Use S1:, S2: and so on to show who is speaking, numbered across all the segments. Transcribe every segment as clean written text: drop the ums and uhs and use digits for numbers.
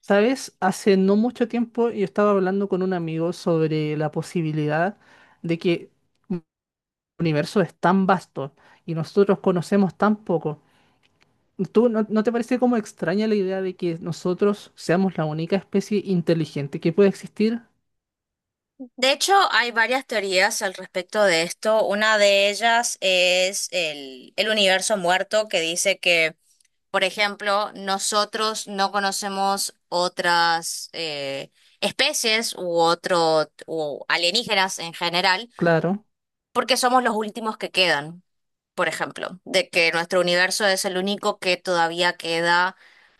S1: ¿Sabes? Hace no mucho tiempo yo estaba hablando con un amigo sobre la posibilidad de que el universo es tan vasto y nosotros conocemos tan poco. ¿Tú no te parece como extraña la idea de que nosotros seamos la única especie inteligente que puede existir?
S2: De hecho, hay varias teorías al respecto de esto. Una de ellas es el universo muerto, que dice que, por ejemplo, nosotros no conocemos otras especies u otro u alienígenas
S1: S-
S2: en general,
S1: Claro,
S2: porque somos los últimos que quedan, por ejemplo, de que nuestro universo es el único que todavía queda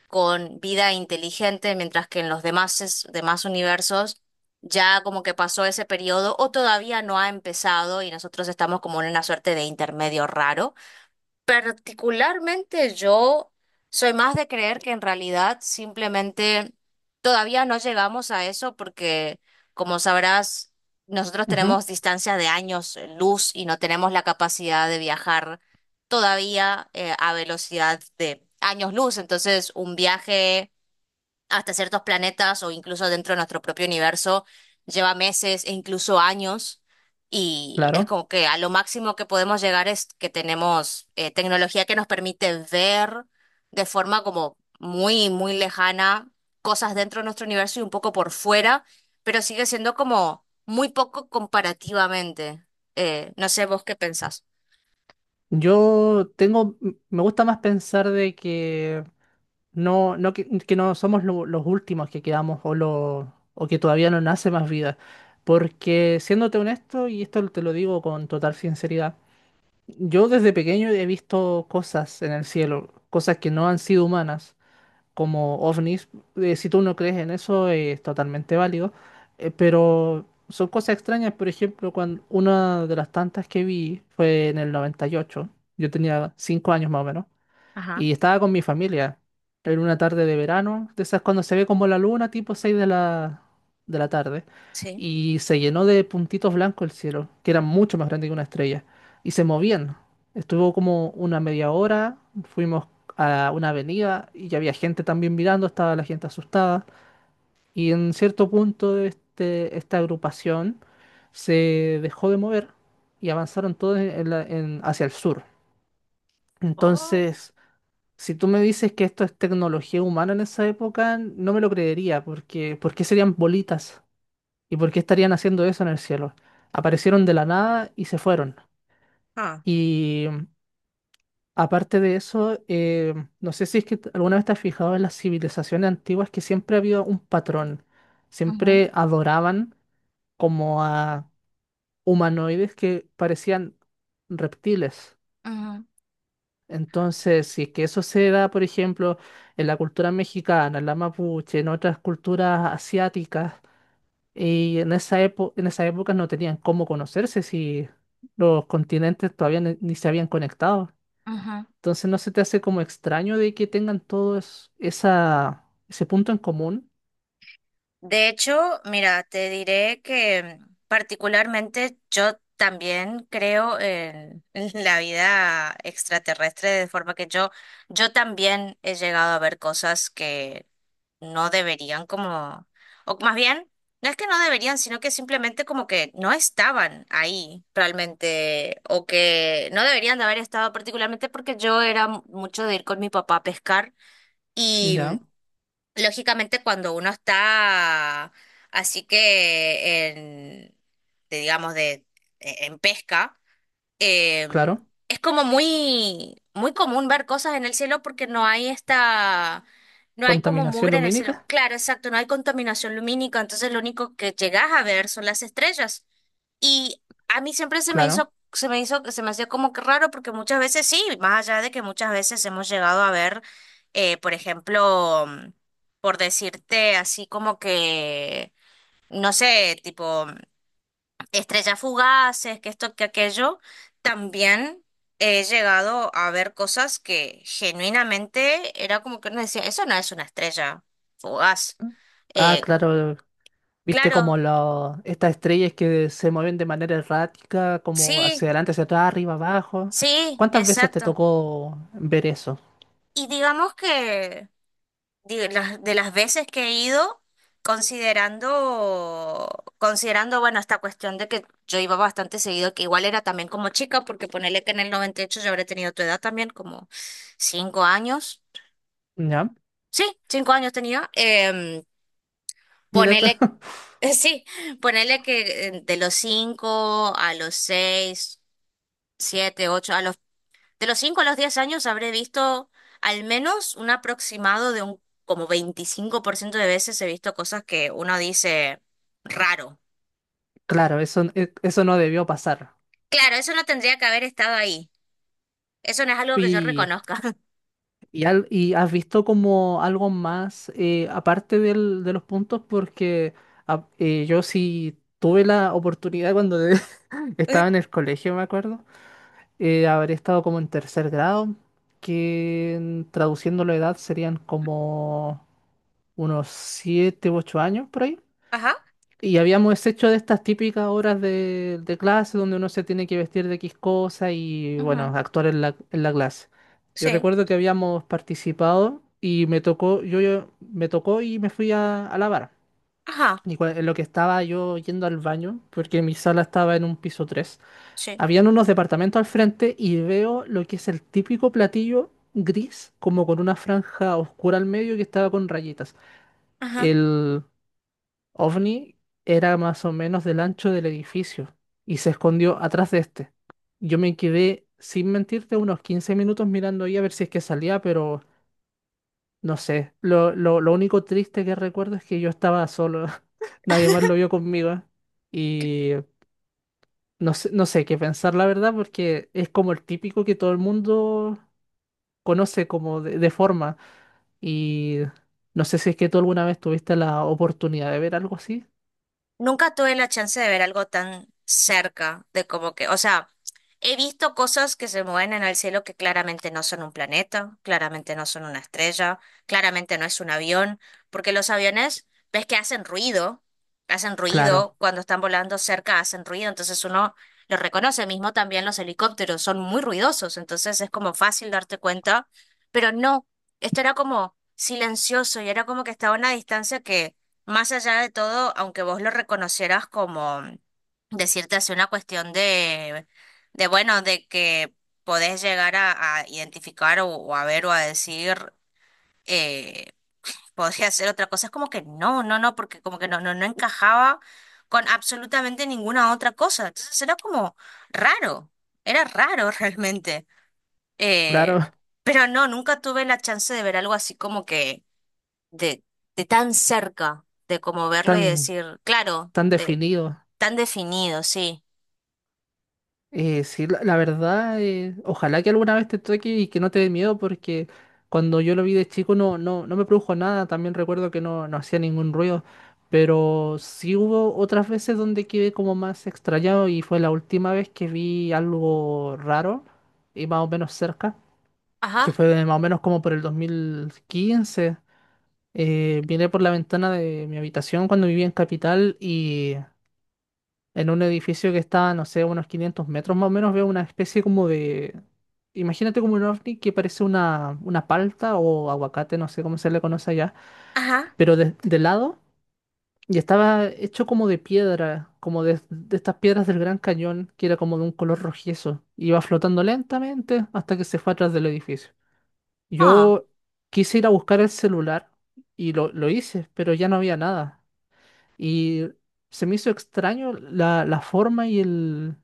S2: con vida inteligente, mientras que en los demás, demás universos ya como que pasó ese periodo o todavía no ha empezado y nosotros estamos como en una suerte de intermedio raro. Particularmente yo soy más de creer que en realidad simplemente todavía no llegamos a eso porque, como sabrás, nosotros
S1: ujú,
S2: tenemos distancias de años luz y no tenemos la capacidad de viajar todavía a velocidad de años luz. Entonces, un viaje hasta ciertos planetas o incluso dentro de nuestro propio universo lleva meses e incluso años y es
S1: claro.
S2: como que a lo máximo que podemos llegar es que tenemos tecnología que nos permite ver de forma como muy, muy lejana cosas dentro de nuestro universo y un poco por fuera, pero sigue siendo como muy poco comparativamente. No sé vos qué pensás.
S1: Yo tengo, me gusta más pensar de que no, no que no somos los últimos que quedamos o, o que todavía no nace más vida. Porque siéndote honesto, y esto te lo digo con total sinceridad, yo desde pequeño he visto cosas en el cielo, cosas que no han sido humanas como ovnis. Si tú no crees en eso, es totalmente válido. Pero son cosas extrañas. Por ejemplo, cuando una de las tantas que vi fue en el 98. Yo tenía 5 años más o menos.
S2: Ajá,
S1: Y estaba con mi familia. Era una tarde de verano, de esas cuando se ve como la luna, tipo 6 de la tarde.
S2: sí.
S1: Y se llenó de puntitos blancos el cielo, que eran mucho más grandes que una estrella. Y se movían. Estuvo como una media hora, fuimos a una avenida y ya había gente también mirando, estaba la gente asustada. Y en cierto punto este, esta agrupación se dejó de mover y avanzaron todos hacia el sur.
S2: Oh,
S1: Entonces... Si tú me dices que esto es tecnología humana en esa época, no me lo creería, porque ¿por qué serían bolitas? ¿Y por qué estarían haciendo eso en el cielo? Aparecieron de la nada y se fueron.
S2: ah.
S1: Y aparte de eso, no sé si es que alguna vez te has fijado en las civilizaciones antiguas que siempre había un patrón.
S2: Ujú,
S1: Siempre adoraban como a humanoides que parecían reptiles.
S2: ujú,
S1: Entonces, si es que eso se da, por ejemplo, en la cultura mexicana, en la mapuche, en otras culturas asiáticas, y en esa época no tenían cómo conocerse si los continentes todavía ni se habían conectado.
S2: ujú.
S1: Entonces, ¿no se te hace como extraño de que tengan todos ese punto en común?
S2: De hecho, mira, te diré que particularmente yo también creo en la vida extraterrestre, de forma que yo también he llegado a ver cosas que no deberían como, o más bien, no es que no deberían, sino que simplemente como que no estaban ahí realmente, o que no deberían de haber estado particularmente porque yo era mucho de ir con mi papá a pescar. Y
S1: Ya,
S2: lógicamente, cuando uno está así que digamos, en pesca, eh,
S1: claro.
S2: es como muy, muy común ver cosas en el cielo porque no hay como
S1: Contaminación
S2: mugre en el cielo.
S1: lumínica,
S2: Claro, exacto, no hay contaminación lumínica, entonces lo único que llegas a ver son las estrellas. Y a mí siempre se me
S1: claro.
S2: hizo, se me hizo, se me hacía como que raro porque muchas veces sí, más allá de que muchas veces hemos llegado a ver, por ejemplo, por decirte así como que, no sé, tipo estrellas fugaces, que esto, que aquello, también he llegado a ver cosas que genuinamente era como que uno decía, eso no es una estrella fugaz.
S1: Ah,
S2: Eh,
S1: claro. Viste como
S2: claro,
S1: los estas estrellas que se mueven de manera errática, como
S2: sí,
S1: hacia adelante, hacia atrás, arriba, abajo.
S2: sí,
S1: ¿Cuántas veces te
S2: exacto.
S1: tocó ver eso?
S2: Y digamos que de las veces que he ido, considerando, considerando, bueno, esta cuestión de que yo iba bastante seguido, que igual era también como chica, porque ponele que en el 98 yo habré tenido tu edad también, como 5 años.
S1: ¿Ya?
S2: Sí, 5 años tenía.
S1: Mira esto.
S2: Ponele, sí, ponele que de los cinco a los seis, siete, ocho, de los cinco a los 10 años habré visto al menos un aproximado de un como 25% de veces he visto cosas que uno dice raro.
S1: Claro, eso, eso no debió pasar.
S2: Claro, eso no tendría que haber estado ahí. Eso no es algo que yo
S1: Y,
S2: reconozca.
S1: y has visto como algo más, aparte de los puntos, porque ah, yo sí tuve la oportunidad cuando
S2: Eh,
S1: estaba en el colegio, me acuerdo. Habré estado como en tercer grado, que traduciendo la edad serían como unos 7 u 8 años por ahí.
S2: Ajá.
S1: Y habíamos hecho de estas típicas horas de clase donde uno se tiene que vestir de X cosa y, bueno,
S2: Ujú,
S1: actuar en la clase. Yo
S2: sí.
S1: recuerdo que habíamos participado y me tocó, me tocó y me fui a lavar.
S2: Ajá.
S1: Y en lo que estaba yo yendo al baño, porque mi sala estaba en un piso tres,
S2: Sí.
S1: habían unos departamentos al frente y veo lo que es el típico platillo gris, como con una franja oscura al medio que estaba con rayitas.
S2: Ajá.
S1: El ovni era más o menos del ancho del edificio y se escondió atrás de este. Yo me quedé, sin mentirte, unos 15 minutos mirando ahí a ver si es que salía, pero no sé. Lo único triste que recuerdo es que yo estaba solo. Nadie más lo vio conmigo. Y no sé, no sé qué pensar, la verdad, porque es como el típico que todo el mundo conoce como de forma. Y no sé si es que tú alguna vez tuviste la oportunidad de ver algo así.
S2: Nunca tuve la chance de ver algo tan cerca de como que, o sea. He visto cosas que se mueven en el cielo que claramente no son un planeta, claramente no son una estrella, claramente no es un avión, porque los aviones, ves que hacen
S1: Claro,
S2: ruido cuando están volando cerca, hacen ruido, entonces uno lo reconoce, mismo también los helicópteros son muy ruidosos, entonces es como fácil darte cuenta, pero no, esto era como silencioso y era como que estaba a una distancia que más allá de todo, aunque vos lo reconocieras como decirte hace una cuestión de bueno, de que podés llegar a identificar o a ver o a decir, eh, podría hacer otra cosa. Es como que no, no, no, porque como que no, no, no encajaba con absolutamente ninguna otra cosa. Entonces era como raro, era raro realmente. Eh,
S1: claro,
S2: pero no, nunca tuve la chance de ver algo así como que de, de tan cerca, de como verlo y
S1: tan,
S2: decir, claro,
S1: tan definido.
S2: tan definido, sí.
S1: Sí, la verdad, ojalá que alguna vez te toque y que no te dé miedo, porque cuando yo lo vi de chico no, no, no me produjo nada, también recuerdo que no, no hacía ningún ruido, pero sí hubo otras veces donde quedé como más extrañado y fue la última vez que vi algo raro y más o menos cerca,
S2: Ajá,
S1: que fue más o menos como por el 2015. Vine por la ventana de mi habitación cuando vivía en Capital y en un edificio que está, no sé, a unos 500 metros más o menos, veo una especie como de... Imagínate como un ovni que parece una palta o aguacate, no sé cómo se le conoce allá,
S2: ajá.
S1: pero de lado y estaba hecho como de piedra, como de estas piedras del Gran Cañón, que era como de un color rojizo. Iba flotando lentamente hasta que se fue atrás del edificio. Yo quise ir a buscar el celular y lo hice, pero ya no había nada. Y se me hizo extraño la forma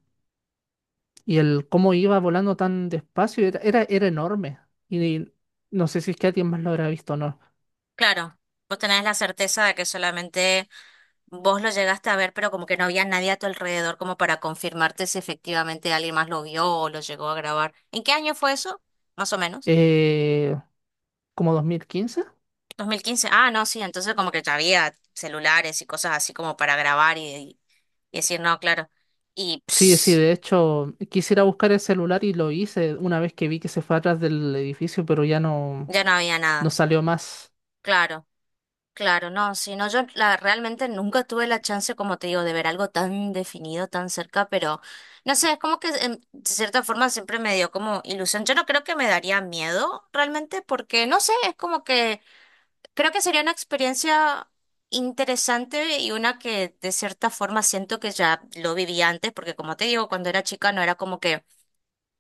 S1: y el cómo iba volando tan despacio era enorme. Y no sé si es que alguien más lo habrá visto o no.
S2: Claro, vos tenés la certeza de que solamente vos lo llegaste a ver, pero como que no había nadie a tu alrededor como para confirmarte si efectivamente alguien más lo vio o lo llegó a grabar. ¿En qué año fue eso? Más o menos.
S1: Eh, ¿como 2015?
S2: 2015. Ah, no, sí, entonces como que ya había celulares y cosas así como para grabar y decir, no, claro. Y
S1: Sí, sí,
S2: pss,
S1: de hecho, quisiera buscar el celular y lo hice una vez que vi que se fue atrás del edificio, pero ya no,
S2: ya no había
S1: no
S2: nada.
S1: salió más.
S2: Claro. Claro, no, si no, realmente nunca tuve la chance, como te digo, de ver algo tan definido, tan cerca, pero no sé, es como que de cierta forma siempre me dio como ilusión. Yo no creo que me daría miedo realmente, porque no sé, es como que creo que sería una experiencia interesante y una que de cierta forma siento que ya lo viví antes, porque como te digo, cuando era chica no era como que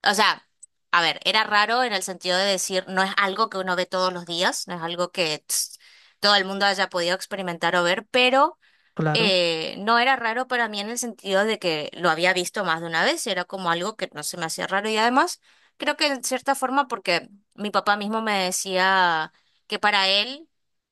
S2: o sea, a ver, era raro en el sentido de decir, no es algo que uno ve todos los días, no es algo que tss, todo el mundo haya podido experimentar o ver, pero
S1: Claro,
S2: no era raro para mí en el sentido de que lo había visto más de una vez, era como algo que no se me hacía raro y además creo que en cierta forma porque mi papá mismo me decía que para él,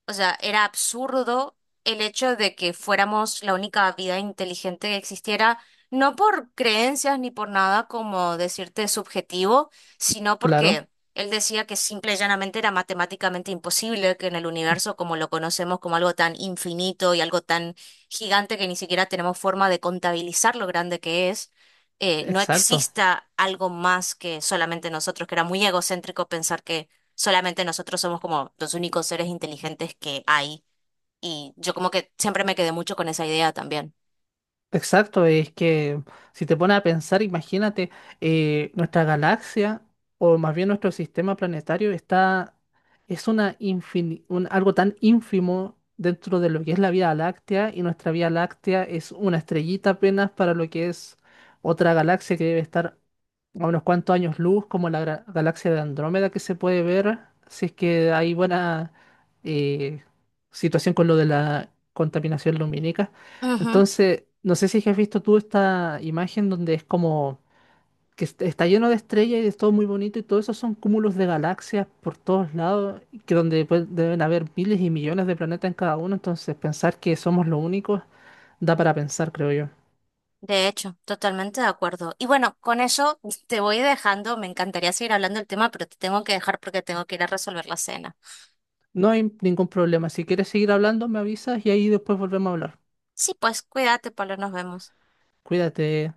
S2: o sea, era absurdo el hecho de que fuéramos la única vida inteligente que existiera, no por creencias ni por nada como decirte subjetivo, sino porque...
S1: claro,
S2: Él decía que simple y llanamente era matemáticamente imposible que en el universo como lo conocemos como algo tan infinito y algo tan gigante que ni siquiera tenemos forma de contabilizar lo grande que es, no
S1: exacto.
S2: exista algo más que solamente nosotros, que era muy egocéntrico pensar que solamente nosotros somos como los únicos seres inteligentes que hay. Y yo como que siempre me quedé mucho con esa idea también.
S1: Exacto, es que si te pones a pensar, imagínate, nuestra galaxia, o más bien nuestro sistema planetario, está, es una algo tan ínfimo dentro de lo que es la Vía Láctea, y nuestra Vía Láctea es una estrellita apenas para lo que es otra galaxia que debe estar a unos cuantos años luz, como la galaxia de Andrómeda que se puede ver, si es que hay buena eh, situación con lo de la contaminación lumínica.
S2: Ujú,
S1: Entonces, no sé si has visto tú esta imagen donde es como que está lleno de estrellas y es todo muy bonito y todo eso son cúmulos de galaxias por todos lados, que donde pues, deben haber miles y millones de planetas en cada uno, entonces pensar que somos los únicos da para pensar, creo yo.
S2: de hecho, totalmente de acuerdo. Y bueno, con eso te voy dejando. Me encantaría seguir hablando del tema, pero te tengo que dejar porque tengo que ir a resolver la cena.
S1: No hay ningún problema. Si quieres seguir hablando, me avisas y ahí después volvemos a hablar.
S2: Sí, pues cuídate, Pablo, nos vemos.
S1: Cuídate.